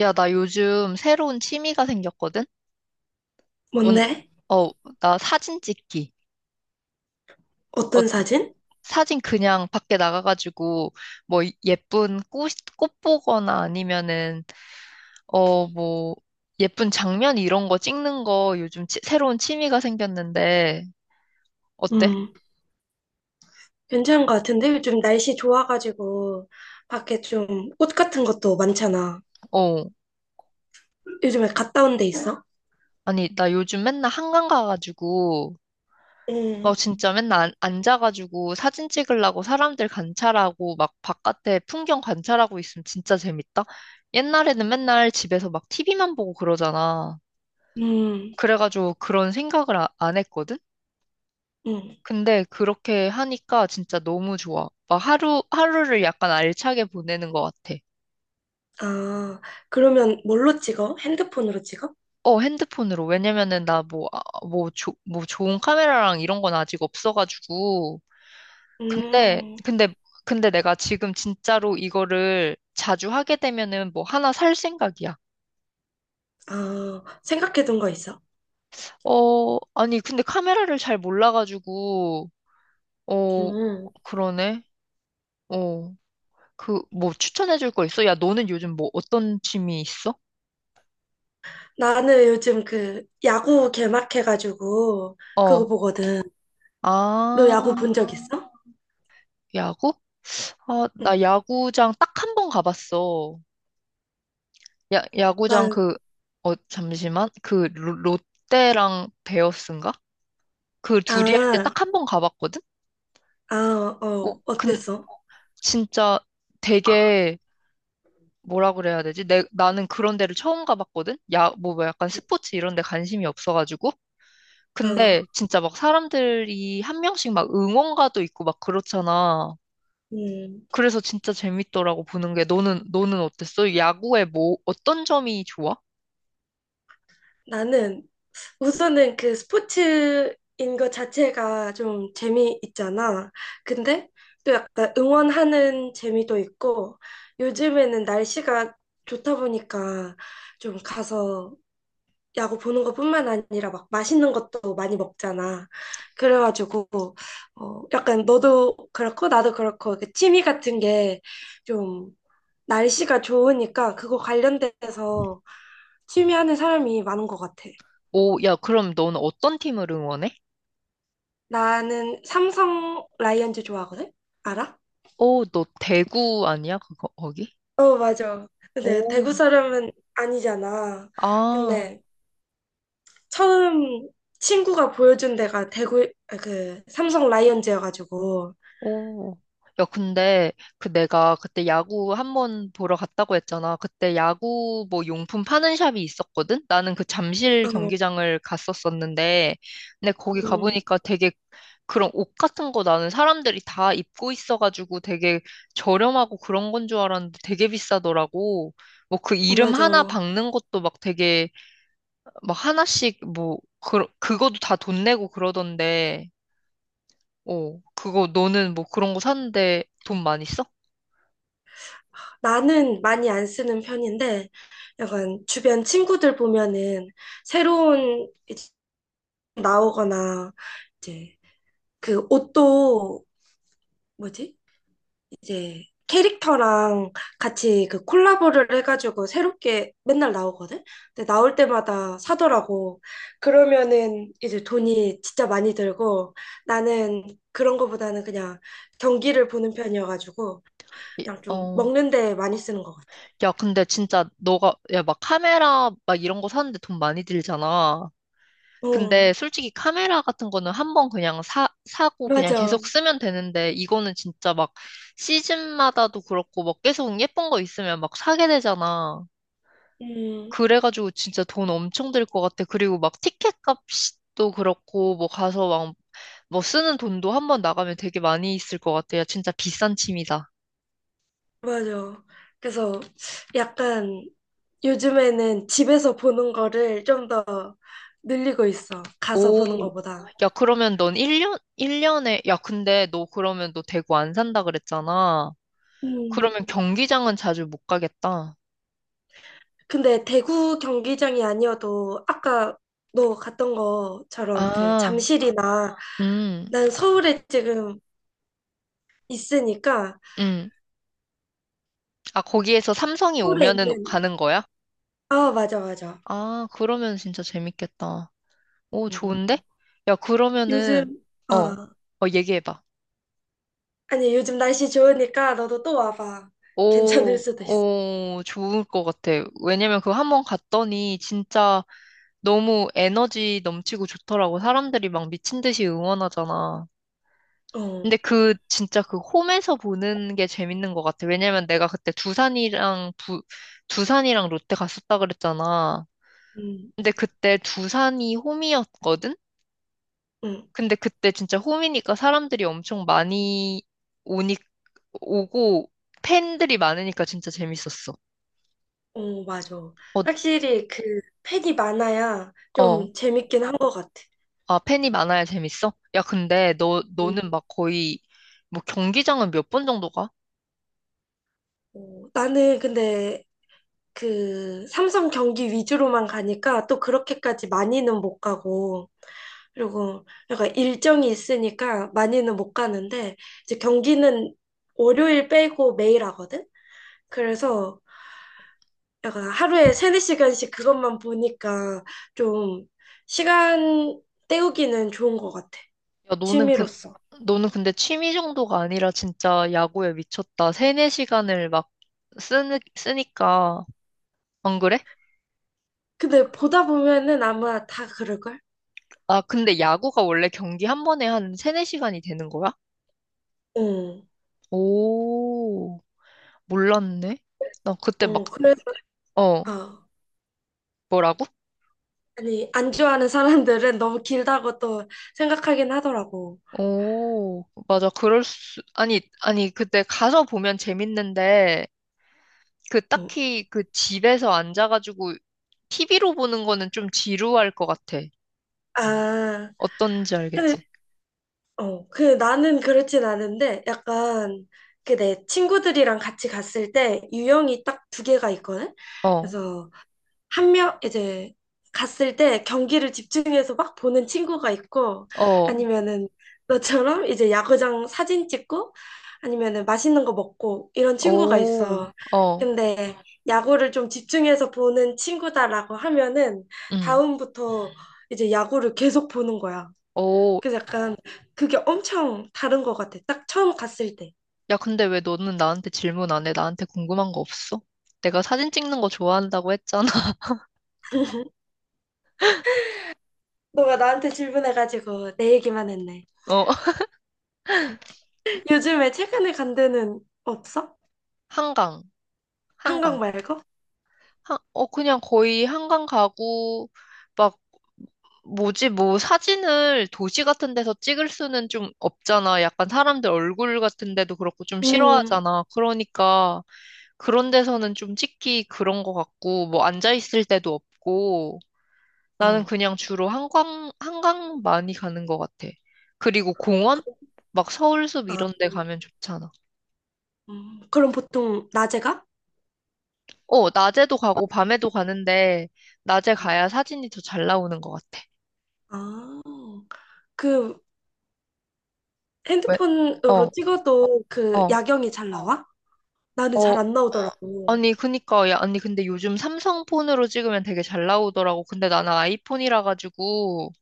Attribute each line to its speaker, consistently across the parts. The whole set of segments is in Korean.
Speaker 1: 야, 나 요즘 새로운 취미가 생겼거든? 뭔,
Speaker 2: 뭔데?
Speaker 1: 어, 나 사진 찍기.
Speaker 2: 어떤
Speaker 1: 어때?
Speaker 2: 사진?
Speaker 1: 사진 그냥 밖에 나가가지고, 뭐, 예쁜 꽃 보거나 아니면은, 뭐, 예쁜 장면 이런 거 찍는 거 요즘 새로운 취미가 생겼는데, 어때?
Speaker 2: 음, 괜찮은 것 같은데? 요즘 날씨 좋아가지고, 밖에 좀 꽃 같은 것도 많잖아.
Speaker 1: 어,
Speaker 2: 요즘에 갔다 온 데 있어?
Speaker 1: 아니, 나 요즘 맨날 한강 가가지고, 너
Speaker 2: 응,
Speaker 1: 진짜 맨날 앉아가지고 사진 찍으려고 사람들 관찰하고 막 바깥에 풍경 관찰하고 있으면 진짜 재밌다. 옛날에는 맨날 집에서 막 TV만 보고 그러잖아.
Speaker 2: 음,
Speaker 1: 그래가지고 그런 생각을 안 했거든?
Speaker 2: 음.
Speaker 1: 근데 그렇게 하니까 진짜 너무 좋아. 막 하루, 하루를 약간 알차게 보내는 것 같아.
Speaker 2: 아, 그러면 뭘로 찍어? 핸드폰으로 찍어?
Speaker 1: 어, 핸드폰으로. 왜냐면은 나 뭐, 뭐, 뭐 좋은 카메라랑 이런 건 아직 없어가지고. 근데,
Speaker 2: 음,
Speaker 1: 근데, 근데 내가 지금 진짜로 이거를 자주 하게 되면은 뭐 하나 살 생각이야.
Speaker 2: 아, 생각해둔 거 있어?
Speaker 1: 어, 아니, 근데 카메라를 잘 몰라가지고, 어,
Speaker 2: 음,
Speaker 1: 그러네. 어, 뭐 추천해줄 거 있어? 야, 너는 요즘 뭐 어떤 취미 있어?
Speaker 2: 나는 요즘 그 야구 개막해가지고, 그거
Speaker 1: 어,
Speaker 2: 보거든. 너
Speaker 1: 아,
Speaker 2: 야구 본 적 있어?
Speaker 1: 야구? 아,
Speaker 2: 응.
Speaker 1: 나 야구장 딱 한 번 가봤어. 야, 야구장
Speaker 2: 난,
Speaker 1: 잠시만. 롯데랑 베어스인가? 그 둘이 할 때
Speaker 2: 아,
Speaker 1: 딱 한 번 가봤거든?
Speaker 2: 아,
Speaker 1: 어,
Speaker 2: 어,
Speaker 1: 근
Speaker 2: 어땠어?
Speaker 1: 진짜 되게 뭐라 그래야 되지? 나는 그런 데를 처음 가봤거든? 야, 뭐, 뭐 약간 스포츠 이런 데 관심이 없어가지고.
Speaker 2: 어.
Speaker 1: 근데 진짜 막 사람들이 한 명씩 막 응원가도 있고 막 그렇잖아.
Speaker 2: 음,
Speaker 1: 그래서 진짜 재밌더라고 보는 게. 너는 어땠어? 야구에 뭐, 어떤 점이 좋아?
Speaker 2: 나는 우선은 그 스포츠인 것 자체가 좀 재미있잖아. 근데 또 약간 응원하는 재미도 있고 요즘에는 날씨가 좋다 보니까 좀 가서 야구 보는 것뿐만 아니라 막 맛있는 것도 많이 먹잖아. 그래가지고 어, 약간 너도 그렇고 나도 그렇고 그 취미 같은 게좀 날씨가 좋으니까 그거 관련돼서 취미하는 사람이 많은 것 같아.
Speaker 1: 오, 야, 그럼 너는 어떤 팀을 응원해?
Speaker 2: 나는 삼성 라이언즈 좋아하거든? 알아?
Speaker 1: 오, 너 대구 아니야? 그거, 거기?
Speaker 2: 어, 맞아. 근데
Speaker 1: 오,
Speaker 2: 대구 사람은 아니잖아.
Speaker 1: 아.
Speaker 2: 근데 처음 친구가 보여준 데가 대구, 아, 그, 삼성 라이언즈여가지고.
Speaker 1: 오. 야, 근데 그 내가 그때 야구 한번 보러 갔다고 했잖아. 그때 야구 뭐 용품 파는 샵이 있었거든? 나는 그 잠실
Speaker 2: 어,
Speaker 1: 경기장을 갔었었는데, 근데 거기
Speaker 2: 음,
Speaker 1: 가보니까 되게 그런 옷 같은 거 나는 사람들이 다 입고 있어가지고 되게 저렴하고 그런 건 줄 알았는데 되게 비싸더라고. 뭐 그 이름 하나
Speaker 2: 맞아.
Speaker 1: 박는 것도 막 되게 막 하나씩 뭐 그, 그거도 다 돈 내고 그러던데. 어, 그거 너는 뭐 그런 거 사는데 돈 많이 써?
Speaker 2: 나는 많이 안 쓰는 편인데, 약간 주변 친구들 보면은 새로운 이제 나오거나, 이제 그 옷도 뭐지? 이제 캐릭터랑 같이 그 콜라보를 해가지고 새롭게 맨날 나오거든? 근데 나올 때마다 사더라고. 그러면은 이제 돈이 진짜 많이 들고 나는 그런 거보다는 그냥 경기를 보는 편이어가지고
Speaker 1: 이-
Speaker 2: 그냥 좀
Speaker 1: 어,
Speaker 2: 먹는 데 많이 쓰는 것 같아.
Speaker 1: 야, 근데 진짜 너가, 야, 막 카메라 막 이런 거 사는데 돈 많이 들잖아. 근데
Speaker 2: 어,
Speaker 1: 솔직히 카메라 같은 거는 한 번 그냥 사고 그냥
Speaker 2: 맞아.
Speaker 1: 계속 쓰면 되는데 이거는 진짜 막 시즌마다도 그렇고 막 계속 예쁜 거 있으면 막 사게 되잖아.
Speaker 2: 음.
Speaker 1: 그래가지고 진짜 돈 엄청 들 것 같아. 그리고 막 티켓 값도 그렇고 뭐 가서 막 뭐 쓰는 돈도 한 번 나가면 되게 많이 있을 것 같아. 야, 진짜 비싼 취미다.
Speaker 2: 맞아. 그래서 약간 요즘에는 집에서 보는 거를 좀 더 늘리고 있어. 가서 보는
Speaker 1: 오,
Speaker 2: 거보다.
Speaker 1: 야, 그러면 넌 1년, 일 년에 야, 근데 너 그러면 너 대구 안 산다 그랬잖아.
Speaker 2: 음.
Speaker 1: 그러면 경기장은 자주 못 가겠다.
Speaker 2: 근데 대구 경기장이 아니어도 아까 너 갔던 것처럼 그
Speaker 1: 아,
Speaker 2: 잠실이나
Speaker 1: 음,
Speaker 2: 난 서울에 지금 있으니까
Speaker 1: 음. 아, 거기에서 삼성이
Speaker 2: 서울에
Speaker 1: 오면은
Speaker 2: 있는
Speaker 1: 가는 거야?
Speaker 2: 아 맞아 맞아.
Speaker 1: 아, 그러면 진짜 재밌겠다. 오,
Speaker 2: 음.
Speaker 1: 좋은데? 야, 그러면은,
Speaker 2: 요즘
Speaker 1: 어, 어, 얘기해봐.
Speaker 2: 아니 요즘 날씨 좋으니까 너도 또 와봐. 괜찮을
Speaker 1: 오,
Speaker 2: 수도 있어.
Speaker 1: 오, 좋을 것 같아. 왜냐면 그거 한번 갔더니 진짜 너무 에너지 넘치고 좋더라고. 사람들이 막 미친 듯이 응원하잖아.
Speaker 2: 어.
Speaker 1: 근데 그, 진짜 그 홈에서 보는 게 재밌는 것 같아. 왜냐면 내가 그때 두산이랑 롯데 갔었다 그랬잖아.
Speaker 2: 음.
Speaker 1: 근데 그때 두산이 홈이었거든?
Speaker 2: 음.
Speaker 1: 근데 그때 진짜 홈이니까 사람들이 엄청 많이 오니, 오고 팬들이 많으니까 진짜 재밌었어.
Speaker 2: 어, 맞아.
Speaker 1: 어,
Speaker 2: 확실히 그 팬이 많아야
Speaker 1: 어.
Speaker 2: 좀 재밌긴 한 것 같아.
Speaker 1: 아, 팬이 많아야 재밌어? 야, 근데 너, 너는
Speaker 2: 음.
Speaker 1: 막 거의 뭐 경기장은 몇 번 정도 가?
Speaker 2: 어, 나는 근데 그 삼성 경기 위주로만 가니까 또 그렇게까지 많이는 못 가고, 그리고 약간 일정이 있으니까 많이는 못 가는데, 이제 경기는 월요일 빼고 매일 하거든? 그래서 약간 하루에 세네 시간씩 그것만 보니까 좀 시간 때우기는 좋은 것 같아.
Speaker 1: 야, 너는 그,
Speaker 2: 취미로서.
Speaker 1: 너는 근데 취미 정도가 아니라 진짜 야구에 미쳤다. 세네 시간을 막 쓰니까. 안 그래?
Speaker 2: 근데 보다 보면은 아마 다 그럴걸?
Speaker 1: 아, 근데 야구가 원래 경기 한 번에 한 세네 시간이 되는 거야?
Speaker 2: 어,
Speaker 1: 오, 몰랐네. 나 그때 막,
Speaker 2: 어, 그래서,
Speaker 1: 어,
Speaker 2: 아,
Speaker 1: 뭐라고?
Speaker 2: 아니, 안 좋아하는 사람들은 너무 길다고 또 생각하긴 하더라고.
Speaker 1: 오, 맞아. 그럴 수, 아니, 아니, 그때 가서 보면 재밌는데, 그
Speaker 2: 어.
Speaker 1: 딱히 그 집에서 앉아가지고 TV로 보는 거는 좀 지루할 것 같아.
Speaker 2: 아,
Speaker 1: 어떤지
Speaker 2: 근데,
Speaker 1: 알겠지?
Speaker 2: 어, 그 나는 그렇진 않은데, 약간, 그 내 친구들이랑 같이 갔을 때 유형이 딱 두 개가 있거든?
Speaker 1: 어.
Speaker 2: 그래서, 한 명 이제 갔을 때 경기를 집중해서 막 보는 친구가 있고
Speaker 1: 어,
Speaker 2: 아니면은 너처럼 이제 야구장 사진 찍고 아니면은 맛있는 거 먹고 이런 친구가
Speaker 1: 오,
Speaker 2: 있어.
Speaker 1: 어,
Speaker 2: 근데 야구를 좀 집중해서 보는 친구다라고 하면은
Speaker 1: 응,
Speaker 2: 다음부터 이제 야구를 계속 보는 거야.
Speaker 1: 오.
Speaker 2: 그래서 약간 그게 엄청 다른 것 같아. 딱 처음 갔을 때.
Speaker 1: 야, 근데 왜 너는 나한테 질문 안 해? 나한테 궁금한 거 없어? 내가 사진 찍는 거 좋아한다고 했잖아.
Speaker 2: 너가 나한테 질문해가지고 내 얘기만 했네.
Speaker 1: 어,
Speaker 2: 요즘에 최근에 간 데는 없어?
Speaker 1: 한강,
Speaker 2: 한강
Speaker 1: 한강.
Speaker 2: 말고?
Speaker 1: 그냥 거의 한강 가고, 막, 뭐지, 뭐, 사진을 도시 같은 데서 찍을 수는 좀 없잖아. 약간 사람들 얼굴 같은 데도 그렇고 좀
Speaker 2: 음,
Speaker 1: 싫어하잖아. 그러니까, 그런 데서는 좀 찍기 그런 거 같고, 뭐, 앉아있을 때도 없고, 나는
Speaker 2: 어,
Speaker 1: 그냥 주로 한강, 한강 많이 가는 것 같아. 그리고 공원? 막 서울숲
Speaker 2: 아,
Speaker 1: 이런 데 가면 좋잖아.
Speaker 2: 그럼 보통 낮에 가?
Speaker 1: 어, 낮에도 가고 밤에도 가는데, 낮에
Speaker 2: 음.
Speaker 1: 가야 사진이 더 잘 나오는 것 같아.
Speaker 2: 아, 그
Speaker 1: 왜?
Speaker 2: 핸드폰으로
Speaker 1: 어,
Speaker 2: 찍어도 그
Speaker 1: 어,
Speaker 2: 야경이 잘 나와? 나는
Speaker 1: 어.
Speaker 2: 잘
Speaker 1: 어,
Speaker 2: 안 나오더라고.
Speaker 1: 아니, 그니까, 야, 아니, 근데 요즘 삼성 폰으로 찍으면 되게 잘 나오더라고. 근데 나는 아이폰이라 가지고,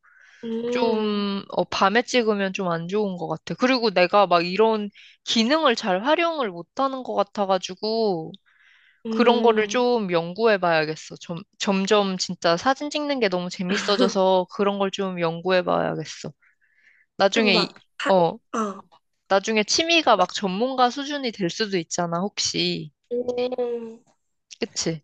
Speaker 2: 음,
Speaker 1: 좀, 밤에 찍으면 좀 안 좋은 것 같아. 그리고 내가 막 이런 기능을 잘 활용을 못하는 것 같아가지고, 그런 거를
Speaker 2: 음.
Speaker 1: 좀 연구해 봐야겠어. 좀, 점점 진짜 사진 찍는 게 너무 재밌어져서 그런 걸 좀 연구해 봐야겠어.
Speaker 2: 그럼
Speaker 1: 나중에, 이-
Speaker 2: 막,
Speaker 1: 어,
Speaker 2: 어,
Speaker 1: 나중에 취미가 막 전문가 수준이 될 수도 있잖아, 혹시.
Speaker 2: 음,
Speaker 1: 그치?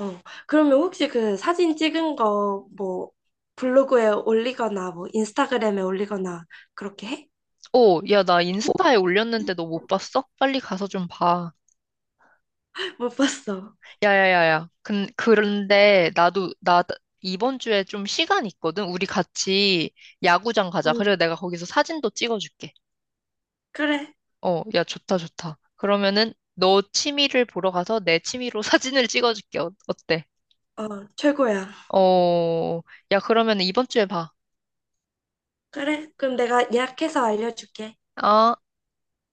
Speaker 2: 어. 그러면 혹시 그 사진 찍은 거 뭐 블로그에 올리거나 뭐 인스타그램에 올리거나 그렇게 해?
Speaker 1: 오, 야, 나 인스타에 올렸는데 너 못 봤어? 빨리 가서 좀 봐.
Speaker 2: 못 봤어.
Speaker 1: 야야야야. 그런데 나도, 나 이번 주에 좀 시간 있거든? 우리 같이 야구장 가자.
Speaker 2: 음,
Speaker 1: 그래, 내가 거기서 사진도 찍어줄게.
Speaker 2: 그래.
Speaker 1: 어, 야, 좋다, 좋다. 그러면은 너 취미를 보러 가서 내 취미로 사진을 찍어줄게. 어때?
Speaker 2: 어, 최고야.
Speaker 1: 어, 야, 그러면 이번 주에 봐.
Speaker 2: 그래, 그럼 내가 예약해서 알려줄게.
Speaker 1: 아.